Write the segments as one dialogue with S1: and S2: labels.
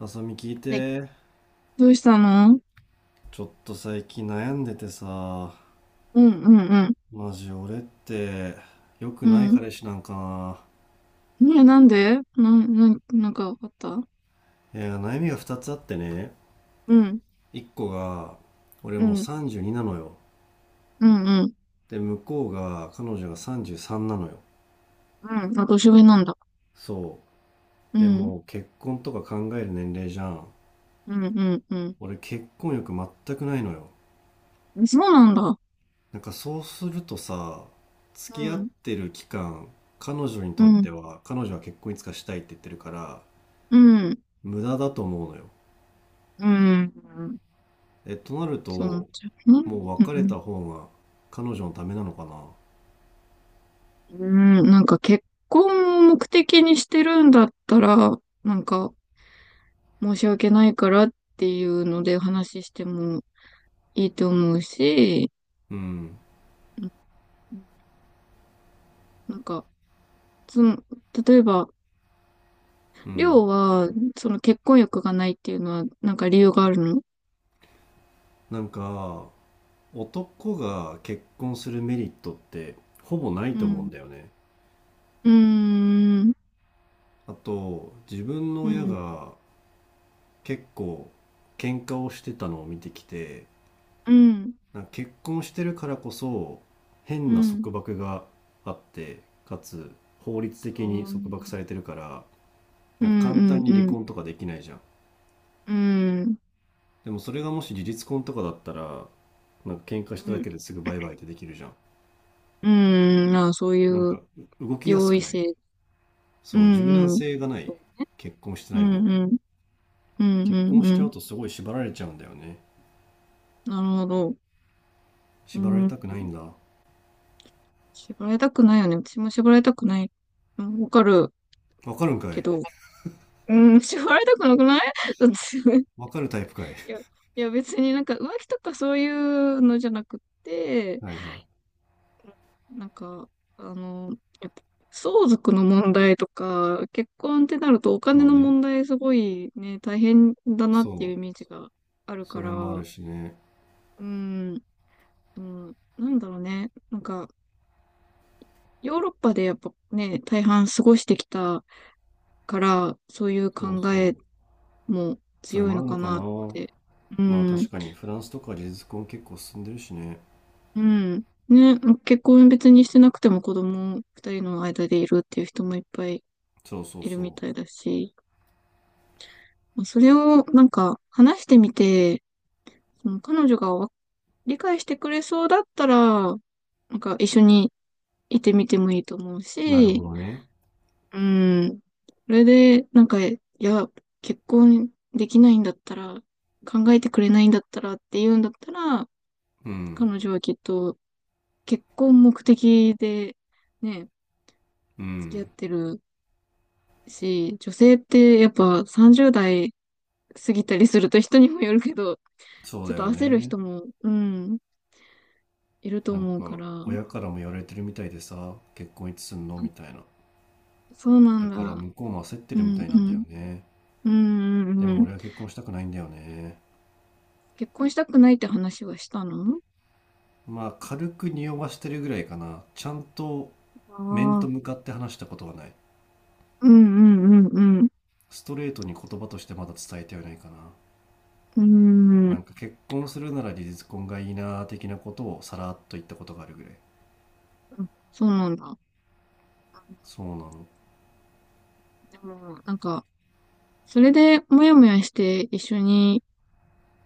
S1: あさみ、聞い
S2: え、
S1: て。
S2: どうしたの。
S1: ちょっと最近悩んでてさ。
S2: うんうん
S1: マジ俺って良く
S2: う
S1: な
S2: ん。
S1: い
S2: うん。
S1: 彼氏なんか？
S2: ねえ、なんでなんかあった。
S1: ないや、悩みが2つあってね。
S2: うん。
S1: 1個が、俺
S2: う
S1: もう
S2: ん。
S1: 32なのよ。
S2: うんうん。
S1: で向こうが、彼女が33なのよ。
S2: うん。あ、年上なんだ。
S1: そ
S2: う
S1: うで
S2: ん。
S1: もう結婚とか考える年齢じゃん。
S2: うんうんう
S1: 俺結婚欲全くないのよ。
S2: ん。そうなんだ。
S1: なんかそうするとさ、付
S2: う
S1: き合っ
S2: ん。
S1: てる期間、彼女に
S2: う
S1: とって
S2: ん。
S1: は彼女は結婚いつかしたいって言ってるから、
S2: うん。
S1: 無駄だと思うのよ。
S2: うん。
S1: となる
S2: そうなっ
S1: と、
S2: ちゃうね。
S1: もう
S2: う
S1: 別れ
S2: ん。
S1: た方が彼女のためなのかな。
S2: うん。うんなんか結婚を目的にしてるんだったら、なんか申し訳ないからっていうので話してもいいと思うし、
S1: うん、
S2: うんなんかその、例えば、
S1: う
S2: りょ
S1: ん。
S2: うは、その結婚欲がないっていうのは、なんか理由があるの。
S1: なんか、男が結婚するメリットってほぼない
S2: う
S1: と思う
S2: ん。
S1: んだよね。
S2: うーん。
S1: あと、自分の
S2: う
S1: 親
S2: ん。
S1: が結構喧嘩をしてたのを見てきて、
S2: うん。
S1: なんか結婚してるからこそ
S2: う
S1: 変な
S2: ん。
S1: 束縛があって、かつ法律
S2: あ
S1: 的に束縛
S2: ー
S1: されてるから、
S2: う
S1: なんか
S2: ん。う
S1: 簡単
S2: ん。
S1: に
S2: う
S1: 離
S2: ん。
S1: 婚とかできないじゃん。
S2: うん。
S1: でもそれがもし事実婚とかだったら、なんか喧嘩
S2: う
S1: しただ
S2: ん。
S1: けですぐバイバイってできるじゃん。
S2: うん。ああ、そうい
S1: なん
S2: う
S1: か動きやす
S2: 容
S1: く
S2: 易
S1: ない？
S2: 性。う
S1: そう、柔軟
S2: ん。うん。
S1: 性がない。結婚して
S2: う
S1: ない
S2: ん。
S1: 方が。
S2: うん。うん。
S1: 結
S2: うん
S1: 婚し
S2: う
S1: ちゃう
S2: ん
S1: とすごい縛られちゃうんだよね。
S2: なるほど。う
S1: 縛られ
S2: ん。
S1: たくないんだ。
S2: 縛られたくないよね。私も縛られたくない。うんわかる
S1: わかるんか
S2: け
S1: い。
S2: ど。うん。縛られたくなくない。
S1: わかるタイプかい。
S2: いや、いや別になんか浮気とかそういうのじゃなくっ て、
S1: はいはい。
S2: なんか、あの、やっぱ相続の問題とか、結婚ってなるとお金
S1: そう
S2: の
S1: ね。
S2: 問題すごいね、大変だなっ
S1: そ
S2: ていうイ
S1: う。
S2: メージがあるか
S1: そ
S2: ら、
S1: れもある
S2: う
S1: しね。
S2: ん、うん、なんだろうね、なんか、ヨーロッパでやっぱね、大半過ごしてきたから、そういう
S1: そう
S2: 考
S1: そ
S2: え
S1: う。
S2: も
S1: それ
S2: 強い
S1: もあ
S2: の
S1: る
S2: か
S1: のかな。
S2: なって。う
S1: まあ
S2: ん。
S1: 確かにフランスとか事実婚結構進んでるしね。
S2: うん。ね、ま結婚別にしてなくても子供二人の間でいるっていう人もいっぱい
S1: そうそう
S2: いるみ
S1: そ
S2: たいだし、まあそれをなんか話してみて、その彼女が理解してくれそうだったら、なんか一緒にいてみてもいいと思う
S1: う。なるほ
S2: し、
S1: どね。
S2: うん。それで、なんか、いや、結婚できないんだったら、考えてくれないんだったらって言うんだったら、
S1: うん。
S2: 彼女はきっと結婚目的でね、
S1: う
S2: 付き合っ
S1: ん。
S2: てるし、女性ってやっぱ30代過ぎたりすると人にもよるけど、
S1: そ
S2: ち
S1: う
S2: ょっ
S1: だ
S2: と
S1: よ
S2: 焦る
S1: ね。
S2: 人も、うん、いると
S1: なん
S2: 思うか
S1: か
S2: ら。
S1: 親からも言われてるみたいでさ、結婚いつすんの
S2: あ
S1: みたいな。
S2: そうな
S1: だ
S2: ん
S1: から
S2: だ。
S1: 向こうも焦って
S2: う
S1: るみ
S2: ん、
S1: たいな
S2: う
S1: んだよ
S2: ん。
S1: ね。
S2: うん、う
S1: で
S2: ん、う
S1: も
S2: ん。
S1: 俺は結婚したくないんだよね。
S2: 結婚したくないって話はしたの。
S1: まあ軽く匂わしてるぐらいかな、ちゃんと
S2: あ
S1: 面と
S2: あ、
S1: 向かって話したことはない。
S2: うん、うん、うん、うん。
S1: ストレートに言葉としてまだ伝えてはないかな。
S2: うん、う
S1: な
S2: ん
S1: んか結婚するなら離婚がいいなー的なことをさらっと言ったことがあるぐらい。
S2: そうなんだ。
S1: そうなの。
S2: でも、なんか、それでもやもやして一緒に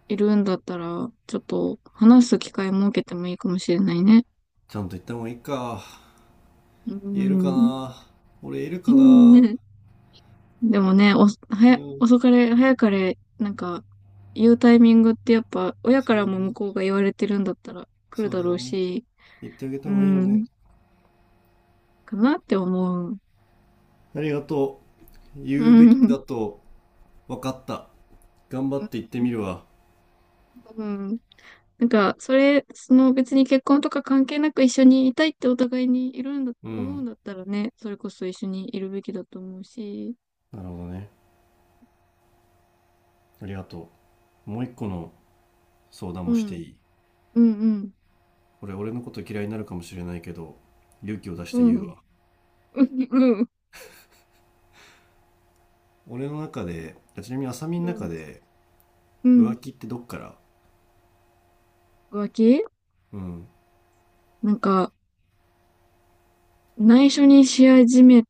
S2: いるんだったら、ちょっと話す機会設けてもいいかもしれないね。
S1: ちゃんと言った方がいいか。
S2: う
S1: 言えるか
S2: ん。
S1: な。俺言える
S2: う
S1: かな。
S2: んでもね、
S1: うん、
S2: 遅かれ、早かれ、なんか、言うタイミングってやっぱ、親か
S1: そう
S2: ら
S1: だ
S2: も向
S1: ね。
S2: こうが言われてるんだったら来る
S1: そう
S2: だ
S1: だ
S2: ろ
S1: よ
S2: う
S1: ね。
S2: し、
S1: 言ってあげた
S2: う
S1: 方がいいよね。
S2: ん、かなって思う。
S1: ありがとう。
S2: う
S1: 言うべき
S2: ん。
S1: だと分かった。頑張って言ってみるわ。
S2: うん。なんか、それ、その別に結婚とか関係なく一緒にいたいってお互いにいるんだ、
S1: う
S2: 思うん
S1: ん。
S2: だったらね、それこそ一緒にいるべきだと思うし、
S1: なるほどね。ありがとう。もう一個の相談
S2: う
S1: もして
S2: ん、
S1: いい？
S2: うん、うん、
S1: 俺のこと嫌いになるかもしれないけど、勇気を出し
S2: う
S1: て
S2: ん、
S1: 言
S2: う
S1: う
S2: ん、
S1: わ。
S2: うん、
S1: 俺の中で、ちなみに浅見の中で、
S2: うん。
S1: 浮気ってどっから？
S2: 浮気。
S1: うん。
S2: なんか、内緒にし始め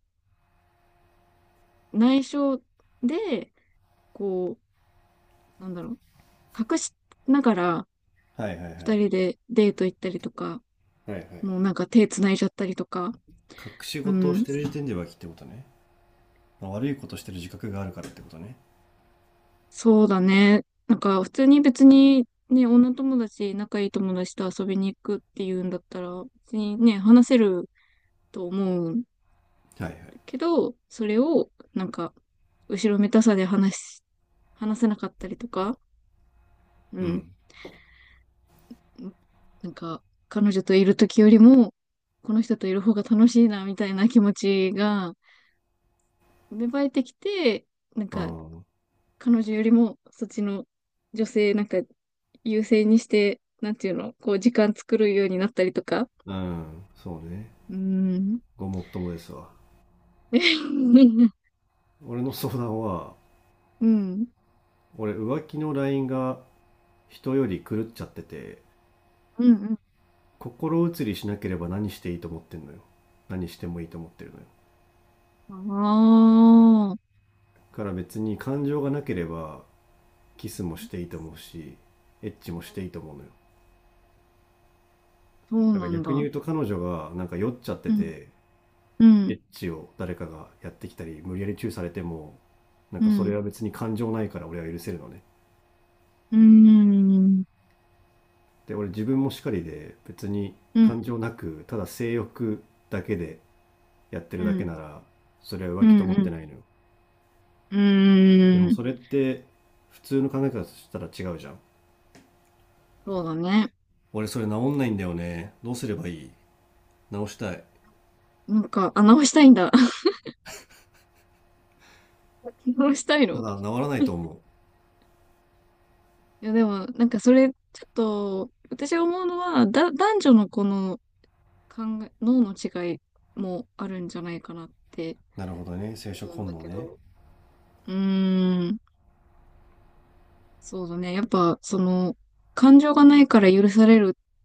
S2: 内緒で、こう、なんだろう、隠しながら
S1: はいはいはい。は
S2: 二
S1: い
S2: 人でデート行ったりとか、
S1: はい。
S2: もうなんか手繋いじゃったりとか、
S1: 隠し
S2: う
S1: 事をし
S2: ん、
S1: てる時点で浮気ってことね。まあ悪いことしてる自覚があるからってことね。
S2: そうだね。なんか普通に別にね、女友達、仲いい友達と遊びに行くっていうんだったら、別にね、話せると思う
S1: はいはい。
S2: けど、それをなんか、後ろめたさで話し、話せなかったりとか、う
S1: う
S2: ん
S1: ん。
S2: なんか、彼女といる時よりも、この人といる方が楽しいな、みたいな気持ちが芽生えてきて、なん
S1: あ
S2: か、
S1: あ。
S2: 彼女よりも、そっちの女性、なんか、優先にして、なんていうの、こう、時間作るようになったりとか。
S1: うん。そうね。
S2: うーん。
S1: ごもっともですわ。俺の相談は、
S2: うん。
S1: 俺浮気のラインが人より狂っちゃってて、
S2: うん。
S1: 心移りしなければ何していいと思ってんのよ。何してもいいと思ってるのよ。
S2: ああー、
S1: だから別に感情がなければ、キスもしていいと思うし、エッチもしていいと思うのよ。
S2: そう
S1: だか
S2: な
S1: ら
S2: ん
S1: 逆に
S2: だ。
S1: 言うと、彼女がなんか酔っちゃって
S2: うん。
S1: て、
S2: う
S1: エ
S2: ん。
S1: ッチを誰かがやってきたり無理やりチューされても、なん
S2: う
S1: かそれ
S2: ん。
S1: は別に感情ないから、俺は許せるのね。
S2: うーん。
S1: で俺自分もしかりで、別に
S2: うん。
S1: 感情なくただ性欲だけでやって
S2: う
S1: るだけ
S2: ん。
S1: なら、それは
S2: う
S1: 浮気と思って
S2: ん。
S1: ないのよ。
S2: うん。
S1: で
S2: う
S1: も
S2: ーん。
S1: それって普通の考え方としたら違うじゃん。
S2: そうだね。
S1: 俺それ治んないんだよね。どうすればいい？治したい。
S2: なんか、あ、直したいんだ。直したい
S1: た
S2: の。
S1: だ治らない
S2: い
S1: と思
S2: や、でも、なんかそれ、ちょっと、私が思うのは、男女のこの考え、脳の違いもあるんじゃないかなって
S1: う。なるほどね、生
S2: 思
S1: 殖
S2: うん
S1: 本
S2: だ
S1: 能
S2: け
S1: ね。
S2: ど、うーん、そうだね。やっぱ、その、感情がないから許されるっ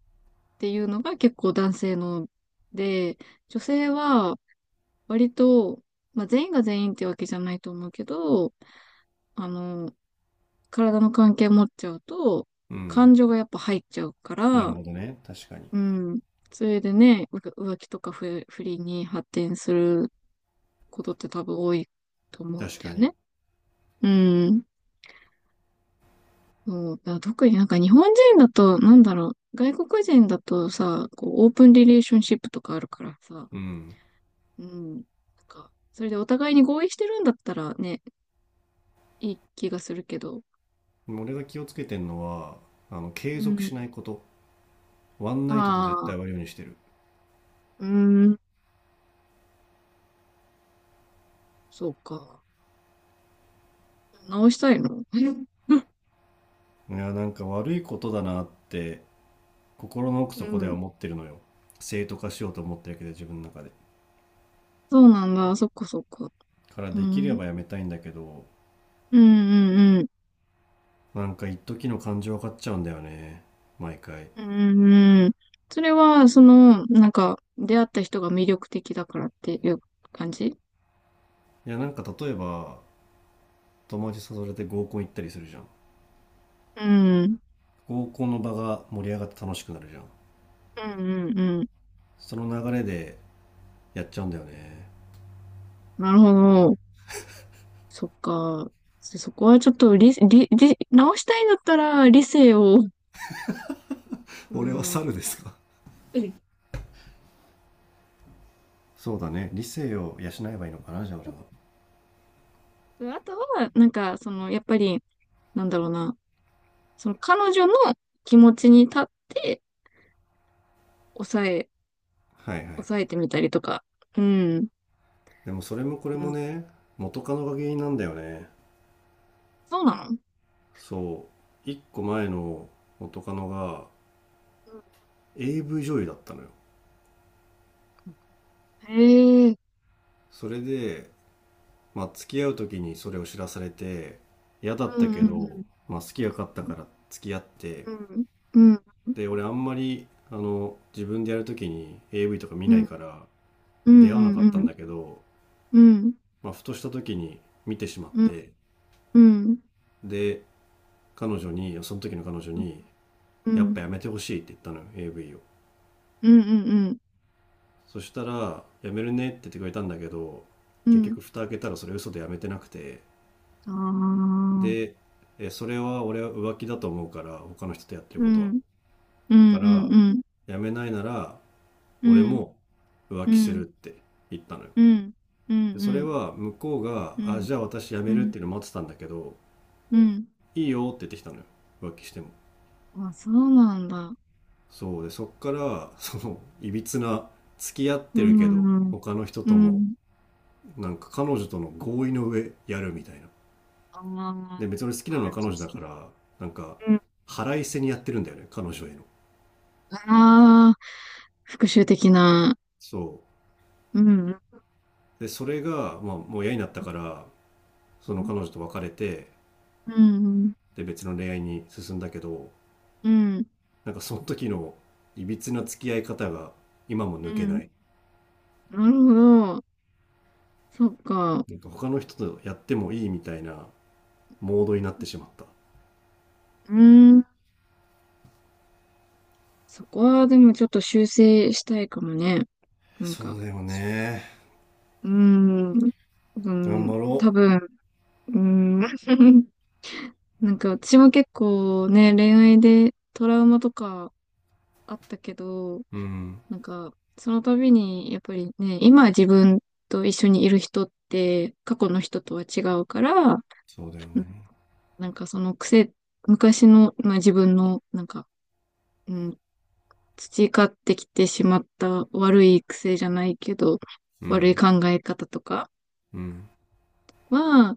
S2: ていうのが結構男性ので、女性は割と、まあ全員が全員ってわけじゃないと思うけど、あの、体の関係持っちゃうと、
S1: うん、
S2: 感情がやっぱ入っちゃうか
S1: な
S2: ら、
S1: るほどね。確かに。
S2: うん。それでね、浮気とか不倫に発展することって多分多いと思うん
S1: 確
S2: だ
S1: か
S2: よ
S1: に。
S2: ね。うん。そう、だから特になんか日本人だと、なんだろう、外国人だとさ、こう、オープンリレーションシップとかあるからさ、
S1: うん。
S2: うん。なんか、それでお互いに合意してるんだったらね、いい気がするけど。
S1: でも俺が気をつけてんのは、
S2: う
S1: 継続し
S2: ん。
S1: ないこと。ワンナイトで絶対
S2: あ
S1: 終わ
S2: あ、
S1: るようにしてる。
S2: うん、そうか。直したいの。
S1: いや、なんか悪いことだなって心の奥
S2: う
S1: 底では
S2: ん。
S1: 思ってるのよ。正当化しようと思ってるけど自分の中で。
S2: そうなんだ。そっかそっか。
S1: から
S2: う
S1: できれ
S2: ん。
S1: ばやめたいんだけど、
S2: うんうんうん。
S1: なんか一時の感情が勝っちゃうんだよね、毎回。い
S2: うんうん。それは、その、なんか、出会った人が魅力的だからっていう感じ。
S1: や、なんか、例えば友達誘われて合コン行ったりするじゃん。
S2: うん。
S1: 合コンの場が盛り上がって楽しくなるじゃん。
S2: うんうんうん。
S1: その流れでやっちゃうんだよね。
S2: なるほど。そっか。そこはちょっと理、理、理、直したいんだったら理性を。う
S1: 俺は
S2: ん。
S1: 猿
S2: う
S1: ですか。
S2: ん
S1: そうだね、理性を養えばいいのかな、じゃあ俺は。
S2: あとは、なんか、その、やっぱり、なんだろうな。その彼女の気持ちに立って抑え
S1: はいはい。
S2: 抑えてみたりとか。うん。
S1: でもそれもこれ
S2: う
S1: も
S2: ん。
S1: ね、元カノが原因なんだよね。
S2: そうなの。
S1: そう、1個前の元カノが
S2: う
S1: AV 女優だったのよ。
S2: んへえ。
S1: それでまあ付き合う時にそれを知らされて嫌だっ
S2: う
S1: たけど、
S2: ん
S1: まあ、好きが勝ったから付き合って。
S2: うんうん。うんうん
S1: で俺あんまり自分でやる時に AV とか見
S2: う
S1: ないか
S2: ん
S1: ら
S2: うん
S1: 出会わなか
S2: う
S1: ったん
S2: ん
S1: だけど、
S2: うん
S1: まあ、ふとした時に見てしまっ
S2: うん
S1: て。
S2: うんうん
S1: で彼女に、その時の彼女に
S2: う
S1: やっ
S2: ん
S1: ぱやめてほしいって言ったのよ、 AV を。
S2: うん
S1: そしたらやめるねって言ってくれたんだけど、
S2: う
S1: 結
S2: ん
S1: 局蓋開けたらそれ嘘でやめてなくて。
S2: ああ。
S1: でそれは俺は浮気だと思うから、他の人とやってる
S2: う
S1: ことは。
S2: んう
S1: か
S2: ん
S1: ら、
S2: うん
S1: 辞めないなら、
S2: う
S1: 俺
S2: ん
S1: も浮
S2: うんう
S1: 気するっ
S2: ん
S1: て言ったのよ。
S2: うんうん
S1: で、そ
S2: う
S1: れ
S2: ん
S1: は向こうが、
S2: う
S1: あ、
S2: ん
S1: じゃあ私辞
S2: う
S1: めるっ
S2: ん
S1: ていうの待ってたんだけど、
S2: うん
S1: いいよって言ってきたのよ。浮気しても。
S2: あ、そうなんだ。
S1: そうで、そっから、その、いびつな、付き合っ
S2: う
S1: てるけど、
S2: んうん
S1: 他の人
S2: う
S1: とも、
S2: ん。
S1: なんか彼女との合意の上やるみたいな。
S2: あ
S1: で、
S2: あ、
S1: 別に好きな
S2: な
S1: のは
S2: るほ
S1: 彼女だから、なんか、
S2: ど。
S1: 腹いせにやってるんだよね、彼女への。
S2: ああ、復讐的な。
S1: そ
S2: うん、
S1: う。で、それが、まあ、もう嫌になったから、そ
S2: う
S1: の
S2: ん、
S1: 彼女と別れて、
S2: うん、
S1: で別の恋愛に進んだけど、
S2: うん、うん。
S1: なんかその時のいびつな付き合い方が今も抜けない。
S2: なるほど。そっか。
S1: なんか他の人とやってもいいみたいなモードになってしまった。
S2: うん。そこはでもちょっと修正したいかもね。なん
S1: そ
S2: か、
S1: うだよね、
S2: うん、う
S1: 頑
S2: ん、
S1: 張
S2: 多
S1: ろ
S2: 分、うん、なんか私も結構ね、恋愛でトラウマとかあったけど、
S1: う。うん、
S2: なんか、その度に、やっぱりね、今自分と一緒にいる人って、過去の人とは違うから、
S1: そうだよ
S2: うん
S1: ね。
S2: なんかその癖、昔の、まあ、自分の、なんか、うん、培ってきてしまった悪い癖じゃないけど、
S1: う
S2: 悪い
S1: ん
S2: 考え方とか
S1: うん
S2: は、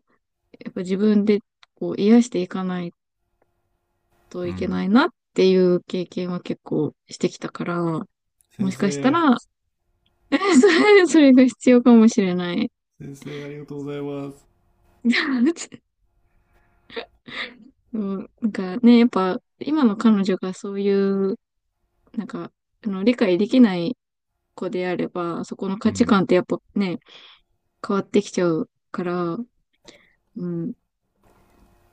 S2: やっぱ自分でこう癒していかないと
S1: う
S2: いけ
S1: ん。
S2: ないなっていう経験は結構してきたから、
S1: 先
S2: もしかした
S1: 生。
S2: ら、そそれが必要かもしれない。
S1: 先生ありがとうございます。
S2: うん、なんかね、やっぱ今の彼女がそういう、なんか、あの、理解できない子であれば、そこの
S1: う
S2: 価値
S1: ん
S2: 観ってやっぱね、変わってきちゃうから、うん、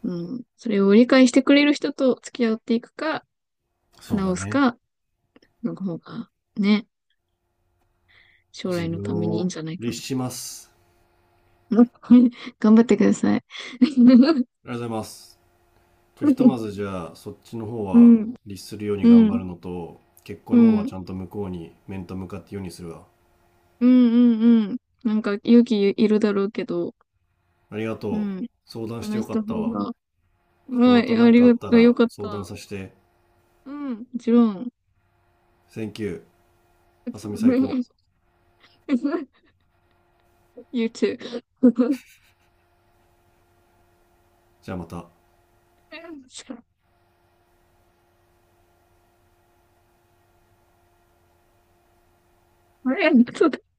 S2: うん、それを理解してくれる人と付き合っていくか、
S1: そうだ
S2: 直す
S1: ね、
S2: か、の方が、ね、将
S1: 自
S2: 来の
S1: 分
S2: ためにいいん
S1: を
S2: じゃないか
S1: 律します。
S2: な。うん。 頑張ってください。
S1: ありがとうございます。じゃあひとまず、じゃあそっちの方
S2: う
S1: は
S2: ん、
S1: 律するように
S2: うん、
S1: 頑
S2: う
S1: 張
S2: ん、
S1: るのと、結
S2: う
S1: 婚の方は
S2: ん、
S1: ちゃんと向こうに面と向かって言うようにするわ。
S2: うん、うん。なんか勇気いるだろうけど、
S1: ありが
S2: う
S1: とう。
S2: ん、
S1: 相談して
S2: 話
S1: よ
S2: し
S1: か
S2: た
S1: った
S2: 方
S1: わ。
S2: が、
S1: ちょっと
S2: は
S1: また
S2: い、あ
S1: 何
S2: り
S1: かあ
S2: が
S1: っ
S2: と
S1: た
S2: う。よ
S1: ら
S2: かっ
S1: 相談
S2: た。
S1: させて。
S2: うん、もちろん。
S1: Thank you。あさみ最高。
S2: You too.
S1: じゃあまた。
S2: ありがとう。